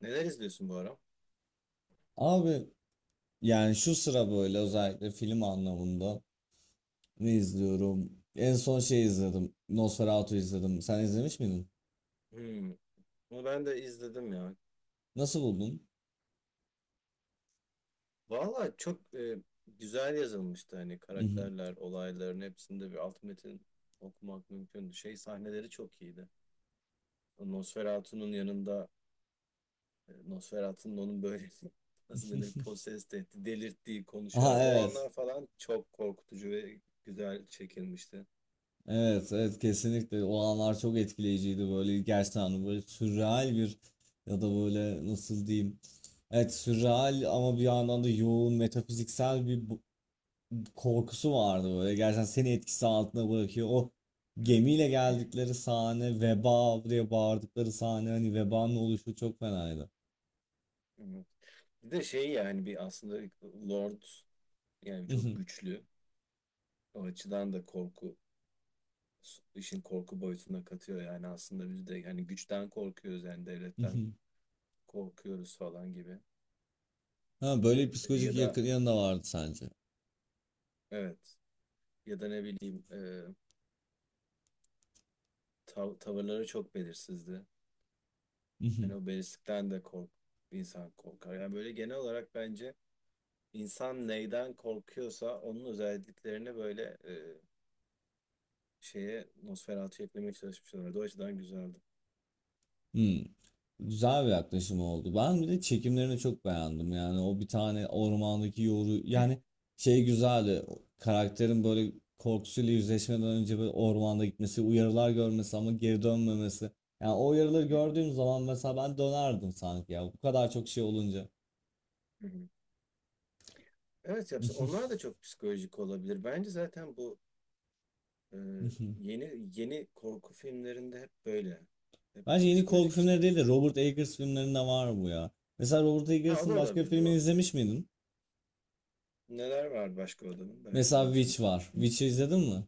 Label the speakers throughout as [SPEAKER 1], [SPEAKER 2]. [SPEAKER 1] Neler izliyorsun bu ara?
[SPEAKER 2] Abi yani şu sıra böyle özellikle film anlamında ne izliyorum? En son şey izledim. Nosferatu izledim. Sen izlemiş miydin?
[SPEAKER 1] Hmm. Bunu ben de izledim ya.
[SPEAKER 2] Nasıl buldun?
[SPEAKER 1] Valla çok güzel yazılmıştı hani karakterler, olayların hepsinde bir alt metin okumak mümkündü. Şey sahneleri çok iyiydi. O Nosferatu'nun yanında, Nosferatu'nun onun böyle nasıl denir possessed etti, delirttiği
[SPEAKER 2] Aha
[SPEAKER 1] konuşarak. O
[SPEAKER 2] evet.
[SPEAKER 1] anlar falan çok korkutucu ve güzel çekilmişti.
[SPEAKER 2] Evet evet kesinlikle o anlar çok etkileyiciydi böyle gerçekten hani böyle sürreal bir ya da böyle nasıl diyeyim. Evet sürreal ama bir yandan da yoğun metafiziksel bir korkusu vardı böyle. Gerçekten seni etkisi altına bırakıyor. O
[SPEAKER 1] Evet.
[SPEAKER 2] gemiyle geldikleri sahne, veba diye bağırdıkları sahne hani vebanın oluşu çok fenaydı.
[SPEAKER 1] Evet. Bir de şey yani bir aslında Lord yani çok güçlü. O açıdan da korku işin korku boyutuna katıyor. Yani aslında biz de hani güçten korkuyoruz, yani devletten korkuyoruz falan gibi.
[SPEAKER 2] Ha, böyle bir
[SPEAKER 1] Ya
[SPEAKER 2] psikolojik
[SPEAKER 1] da
[SPEAKER 2] yakın yanı da vardı sence.
[SPEAKER 1] evet, ya da ne bileyim, tavırları çok belirsizdi. Hani o belirsizlikten de kork, insan korkar. Yani böyle genel olarak bence insan neyden korkuyorsa onun özelliklerini böyle, şeye, Nosferatu'ya eklemeye çalışmışlar. O açıdan güzeldi.
[SPEAKER 2] Güzel bir yaklaşım oldu. Ben bir de çekimlerini çok beğendim. Yani o bir tane
[SPEAKER 1] Hı hı.
[SPEAKER 2] ormandaki yoru yani şey güzeldi. O karakterin böyle korkusuyla yüzleşmeden önce böyle ormanda gitmesi, uyarılar görmesi ama geri dönmemesi. Yani o uyarıları
[SPEAKER 1] Hı hı.
[SPEAKER 2] gördüğüm zaman mesela ben dönerdim sanki ya. Bu kadar çok şey olunca.
[SPEAKER 1] Hı hı. Evet, yapsa onlar da çok psikolojik olabilir. Bence zaten bu Ee, yeni yeni korku filmlerinde hep böyle. Hep
[SPEAKER 2] Bence
[SPEAKER 1] daha
[SPEAKER 2] yeni korku
[SPEAKER 1] psikolojik işler.
[SPEAKER 2] filmleri değil de Robert Eggers filmlerinde var bu ya. Mesela Robert
[SPEAKER 1] Ha, o da
[SPEAKER 2] Eggers'ın başka bir
[SPEAKER 1] olabilir,
[SPEAKER 2] filmini
[SPEAKER 1] doğru.
[SPEAKER 2] izlemiş miydin?
[SPEAKER 1] Neler var başka adamın? Belki
[SPEAKER 2] Mesela Witch
[SPEAKER 1] izlemişimdir.
[SPEAKER 2] var.
[SPEAKER 1] Hı.
[SPEAKER 2] Witch'i izledin mi?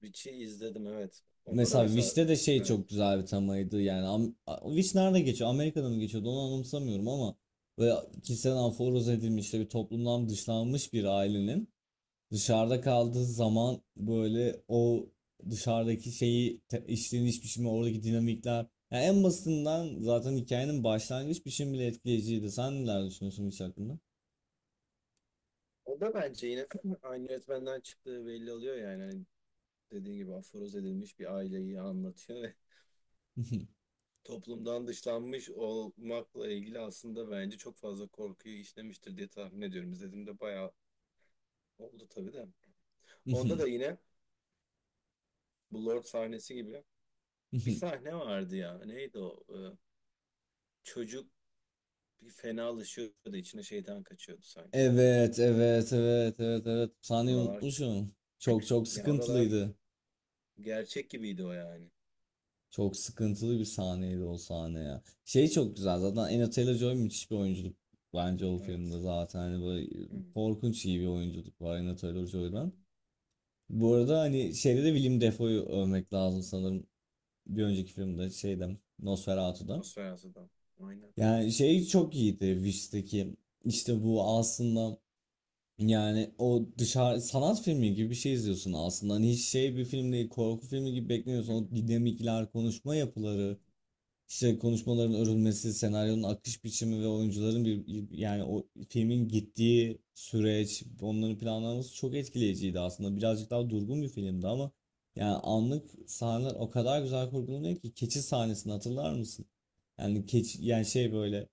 [SPEAKER 1] Witch'i izledim, evet. Onda da
[SPEAKER 2] Mesela
[SPEAKER 1] mesela
[SPEAKER 2] Wish'te de şey
[SPEAKER 1] evet.
[SPEAKER 2] çok güzel bir temaydı yani. Wish nerede geçiyor? Amerika'da mı geçiyordu? Onu anımsamıyorum ama böyle kişisel aforoz edilmiş işte bir toplumdan dışlanmış bir ailenin dışarıda kaldığı zaman böyle o dışarıdaki şeyi işleniş biçimi oradaki dinamikler yani en basitinden zaten hikayenin başlangıç biçimi bile etkileyiciydi. Sen neler düşünüyorsun Wish hakkında?
[SPEAKER 1] O da bence yine aynı yönetmenden çıktığı belli oluyor yani. Hani dediğin gibi aforoz edilmiş bir aileyi anlatıyor ve toplumdan dışlanmış olmakla ilgili aslında bence çok fazla korkuyu işlemiştir diye tahmin ediyorum. İzlediğimde bayağı oldu tabii de. Onda da yine bu Lord sahnesi gibi bir sahne vardı ya. Neydi o? Çocuk bir fenalaşıyordu, içine şeytan kaçıyordu sanki.
[SPEAKER 2] Evet, evet, evet, evet, evet. Sahneyi
[SPEAKER 1] Oralar,
[SPEAKER 2] unutmuşum. Çok çok
[SPEAKER 1] ya oralar
[SPEAKER 2] sıkıntılıydı.
[SPEAKER 1] gerçek gibiydi o yani.
[SPEAKER 2] Çok sıkıntılı bir sahneydi o sahne ya. Şey
[SPEAKER 1] Hı.
[SPEAKER 2] çok güzel zaten Anya Taylor-Joy müthiş bir oyunculuk bence o filmde
[SPEAKER 1] Evet.
[SPEAKER 2] zaten hani böyle
[SPEAKER 1] Hı,
[SPEAKER 2] korkunç iyi bir oyunculuk var Anya
[SPEAKER 1] hı.
[SPEAKER 2] Taylor-Joy'dan. Bu arada hani şeyde de Willem Dafoe'yu övmek lazım sanırım bir önceki filmde şeyde Nosferatu'da.
[SPEAKER 1] Nosferatu. Aynen.
[SPEAKER 2] Yani şey çok iyiydi Wish'teki işte bu aslında yani o dışarı sanat filmi gibi bir şey izliyorsun aslında. Hani hiç şey bir film değil korku filmi gibi beklemiyorsun.
[SPEAKER 1] Hı, hı.
[SPEAKER 2] O dinamikler, konuşma yapıları. İşte konuşmaların örülmesi, senaryonun akış biçimi ve oyuncuların bir yani o filmin gittiği süreç, onların planlanması çok etkileyiciydi aslında. Birazcık daha durgun bir filmdi ama yani anlık sahneler o kadar güzel kurgulanıyor ki keçi sahnesini hatırlar mısın? Yani keçi yani şey böyle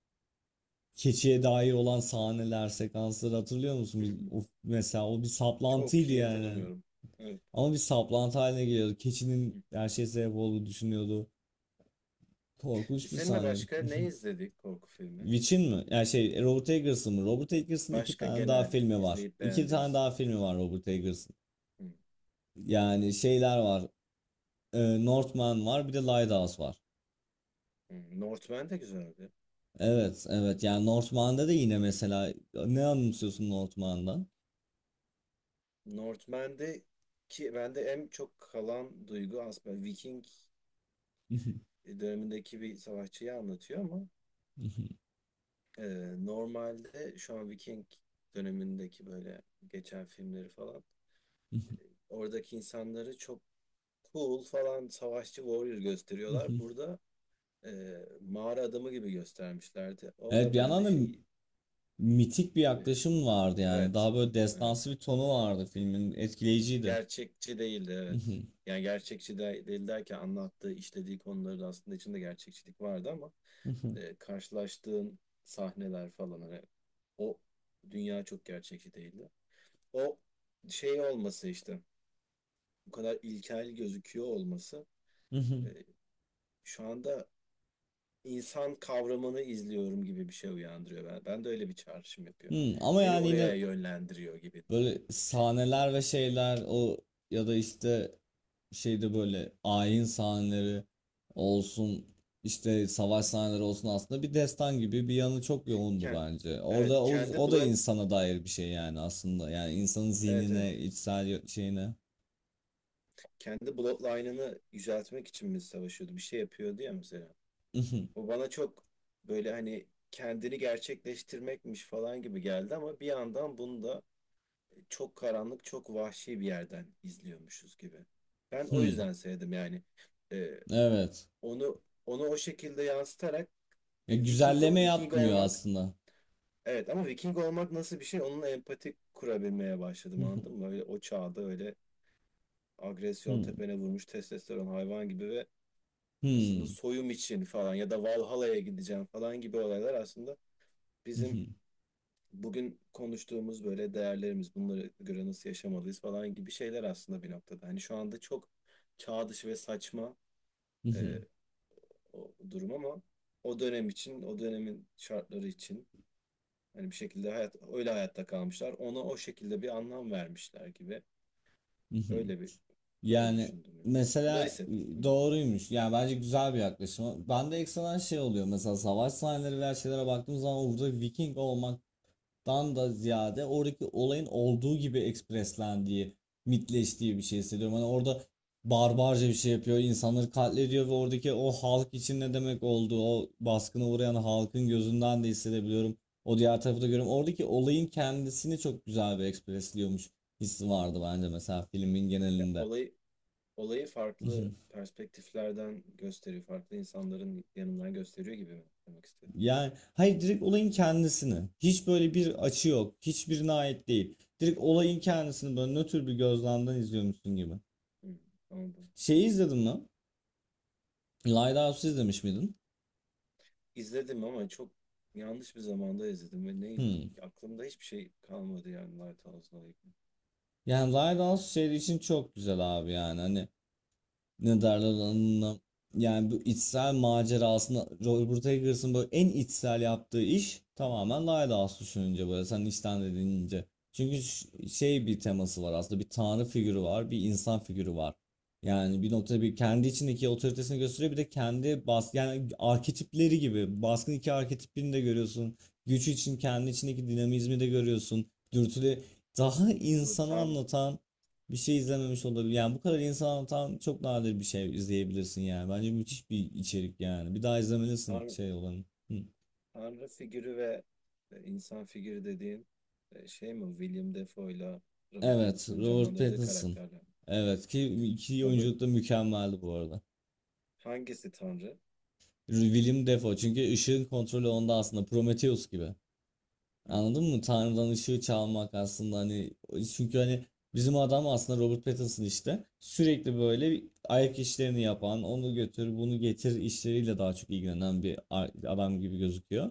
[SPEAKER 2] keçiye dair olan sahneler, sekansları hatırlıyor musun?
[SPEAKER 1] Hı,
[SPEAKER 2] Bir,
[SPEAKER 1] hı.
[SPEAKER 2] of, mesela o bir
[SPEAKER 1] Çok
[SPEAKER 2] saplantıydı
[SPEAKER 1] iyi
[SPEAKER 2] yani.
[SPEAKER 1] hatırlamıyorum. Evet.
[SPEAKER 2] Ama bir saplantı haline geliyordu.
[SPEAKER 1] Hı.
[SPEAKER 2] Keçinin her şeye sebep olduğu düşünüyordu.
[SPEAKER 1] Biz
[SPEAKER 2] Korkunç bir
[SPEAKER 1] seninle
[SPEAKER 2] sahneydi.
[SPEAKER 1] başka ne izledik korku filmi?
[SPEAKER 2] Witch'in mi? Yani şey Robert Eggers'ın mı? Robert Eggers'ın iki
[SPEAKER 1] Başka
[SPEAKER 2] tane daha
[SPEAKER 1] genel
[SPEAKER 2] filmi var.
[SPEAKER 1] izleyip
[SPEAKER 2] İki tane
[SPEAKER 1] beğendiğimiz.
[SPEAKER 2] daha filmi var Robert Eggers'ın.
[SPEAKER 1] Hı,
[SPEAKER 2] Yani şeyler var. Northman var bir de Lighthouse var.
[SPEAKER 1] hı. Northman de güzeldi.
[SPEAKER 2] Evet evet yani Northman'da da yine mesela ne anımsıyorsun Northman'dan?
[SPEAKER 1] Northman'de ki bende en çok kalan duygu aslında Viking dönemindeki bir savaşçıyı anlatıyor ama, e, normalde şu an Viking dönemindeki böyle geçen filmleri falan, oradaki insanları çok cool falan, savaşçı warrior gösteriyorlar. Burada e, mağara adamı gibi göstermişlerdi. O
[SPEAKER 2] Evet
[SPEAKER 1] da
[SPEAKER 2] bir yandan
[SPEAKER 1] bende şey,
[SPEAKER 2] da mitik bir
[SPEAKER 1] e,
[SPEAKER 2] yaklaşım vardı yani.
[SPEAKER 1] evet,
[SPEAKER 2] Daha böyle
[SPEAKER 1] evet
[SPEAKER 2] destansı bir tonu vardı filmin. Etkileyiciydi.
[SPEAKER 1] gerçekçi değildi, evet.
[SPEAKER 2] Hı.
[SPEAKER 1] Yani gerçekçi de değil derken anlattığı işlediği konuların aslında içinde gerçekçilik vardı ama, karşılaştığın sahneler falan hani, o dünya çok gerçekçi değildi. O şey olması işte, bu kadar ilkel gözüküyor olması, e, şu anda insan kavramını izliyorum gibi bir şey uyandırıyor. Ben de öyle bir çağrışım yapıyor.
[SPEAKER 2] Ama
[SPEAKER 1] Beni
[SPEAKER 2] yani
[SPEAKER 1] oraya
[SPEAKER 2] yine
[SPEAKER 1] yönlendiriyor gibi diyeyim.
[SPEAKER 2] böyle sahneler ve şeyler o ya da işte şeyde böyle ayin sahneleri olsun işte savaş sahneleri olsun aslında bir destan gibi bir yanı çok yoğundu
[SPEAKER 1] Ken-
[SPEAKER 2] bence.
[SPEAKER 1] evet
[SPEAKER 2] Orada o,
[SPEAKER 1] kendi
[SPEAKER 2] o da
[SPEAKER 1] blog,
[SPEAKER 2] insana dair bir şey yani aslında yani insanın
[SPEAKER 1] evet evet
[SPEAKER 2] zihnine içsel şeyine.
[SPEAKER 1] kendi bloodline'ını yüceltmek için mi savaşıyordu? Bir şey yapıyordu ya mesela. O bana çok böyle hani kendini gerçekleştirmekmiş falan gibi geldi ama bir yandan bunu da çok karanlık, çok vahşi bir yerden izliyormuşuz gibi. Ben o
[SPEAKER 2] Hmm.
[SPEAKER 1] yüzden sevdim yani. Ee,
[SPEAKER 2] Evet.
[SPEAKER 1] onu onu o şekilde yansıtarak
[SPEAKER 2] Ya
[SPEAKER 1] bir Viking
[SPEAKER 2] güzelleme
[SPEAKER 1] Viking
[SPEAKER 2] yapmıyor
[SPEAKER 1] olmak,
[SPEAKER 2] aslında.
[SPEAKER 1] evet ama Viking olmak nasıl bir şey, onunla empati kurabilmeye başladım, anladın mı? Öyle o çağda öyle agresyon
[SPEAKER 2] Hmm.
[SPEAKER 1] tepene vurmuş testosteron hayvan gibi ve aslında
[SPEAKER 2] Hmm.
[SPEAKER 1] soyum için falan ya da Valhalla'ya gideceğim falan gibi olaylar, aslında bizim bugün konuştuğumuz böyle değerlerimiz, bunlara göre nasıl yaşamalıyız falan gibi şeyler aslında, bir noktada. Hani şu anda çok çağ dışı ve saçma e, o durum ama o dönem için, o dönemin şartları için hani bir şekilde hayat öyle, hayatta kalmışlar. Ona o şekilde bir anlam vermişler gibi. Öyle bir böyle
[SPEAKER 2] Yani
[SPEAKER 1] düşündüm yani. Bunları
[SPEAKER 2] mesela
[SPEAKER 1] hissettim. Hı.
[SPEAKER 2] doğruymuş. Yani bence güzel bir yaklaşım. Bende ekstradan şey oluyor. Mesela savaş sahneleri veya şeylere baktığım zaman orada Viking olmaktan da ziyade oradaki olayın olduğu gibi ekspreslendiği, mitleştiği bir şey hissediyorum. Hani orada barbarca bir şey yapıyor, insanları katlediyor ve oradaki o halk için ne demek olduğu, o baskına uğrayan halkın gözünden de hissedebiliyorum. O diğer tarafı da görüyorum. Oradaki olayın kendisini çok güzel bir ekspresliyormuş hissi vardı bence mesela filmin
[SPEAKER 1] Ya,
[SPEAKER 2] genelinde.
[SPEAKER 1] olayı, olayı farklı perspektiflerden gösteriyor, farklı insanların yanından gösteriyor gibi mi demek istedim?
[SPEAKER 2] Yani hayır direkt olayın kendisini. Hiç böyle bir
[SPEAKER 1] Hı.
[SPEAKER 2] açı yok. Hiçbirine ait değil. Direkt olayın kendisini böyle nötr bir gözlemden izliyormuşsun gibi.
[SPEAKER 1] Hı. Anladım.
[SPEAKER 2] Şeyi izledin mi? Lighthouse'u izlemiş miydin?
[SPEAKER 1] İzledim ama çok yanlış bir zamanda izledim ve
[SPEAKER 2] Hmm.
[SPEAKER 1] aklımda hiçbir şey kalmadı yani Lighthouse'la ilgili.
[SPEAKER 2] Yani Lighthouse şey için çok güzel abi yani. Hani ne derler ona? Yani bu içsel macerasında Robert Eggers'ın böyle en içsel yaptığı iş tamamen Lighthouse düşününce böyle sen içten dediğince. Çünkü şey bir teması var aslında bir tanrı figürü var bir insan figürü var. Yani bir noktada bir kendi içindeki otoritesini gösteriyor bir de kendi bas yani arketipleri gibi baskın iki arketipini de görüyorsun. Güç için kendi içindeki dinamizmi de görüyorsun. Dürtüle daha
[SPEAKER 1] Bu
[SPEAKER 2] insanı
[SPEAKER 1] tan,
[SPEAKER 2] anlatan bir şey izlememiş olabilir. Yani bu kadar insan anlatan çok nadir bir şey izleyebilirsin yani. Bence müthiş bir içerik yani. Bir daha izlemelisin
[SPEAKER 1] tan-
[SPEAKER 2] şey olanı. Hı.
[SPEAKER 1] tanrı figürü ve insan figürü dediğin, şey mi? William Defoe'yla Robert
[SPEAKER 2] Evet,
[SPEAKER 1] Pattinson'ın
[SPEAKER 2] Robert
[SPEAKER 1] canlandırdığı
[SPEAKER 2] Pattinson.
[SPEAKER 1] karakterler mi?
[SPEAKER 2] Evet ki iki
[SPEAKER 1] Robert,
[SPEAKER 2] oyunculuk da mükemmeldi bu arada.
[SPEAKER 1] hangisi tanrı?
[SPEAKER 2] Willem Dafoe çünkü ışığın kontrolü onda aslında Prometheus gibi. Anladın mı? Tanrı'dan ışığı çalmak aslında hani çünkü hani bizim adam aslında Robert Pattinson işte sürekli böyle bir ayak işlerini yapan onu götür bunu getir işleriyle daha çok ilgilenen bir adam gibi gözüküyor.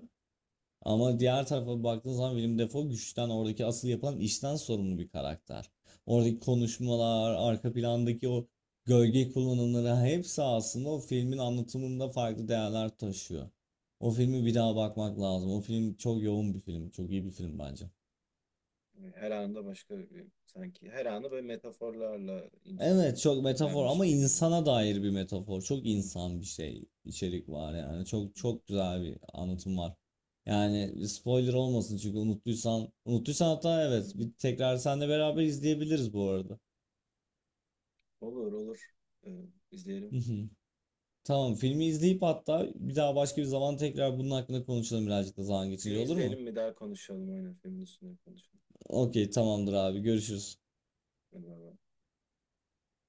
[SPEAKER 2] Ama diğer tarafa baktığın zaman Willem Dafoe güçten, oradaki asıl yapılan işten sorumlu bir karakter. Oradaki konuşmalar, arka plandaki o gölge kullanımları hepsi aslında o filmin anlatımında farklı değerler taşıyor. O filmi bir daha bakmak lazım. O film çok yoğun bir film, çok iyi bir film bence.
[SPEAKER 1] Her anında başka bir, sanki her anı böyle metaforlarla
[SPEAKER 2] Evet çok metafor
[SPEAKER 1] incitlenmiş
[SPEAKER 2] ama
[SPEAKER 1] bir figür.
[SPEAKER 2] insana dair bir metafor. Çok insan bir şey içerik var yani. Çok çok güzel bir anlatım var. Yani spoiler olmasın çünkü unuttuysan unuttuysan hatta evet bir tekrar seninle beraber izleyebiliriz bu arada.
[SPEAKER 1] Olur, olur. E, izleyelim.
[SPEAKER 2] Tamam filmi izleyip hatta bir daha başka bir zaman tekrar bunun hakkında konuşalım birazcık da zaman geçince
[SPEAKER 1] Film
[SPEAKER 2] olur mu?
[SPEAKER 1] izleyelim mi, daha konuşalım, aynen filmin üstüne konuşalım.
[SPEAKER 2] Okey tamamdır abi görüşürüz.
[SPEAKER 1] Eyvallah.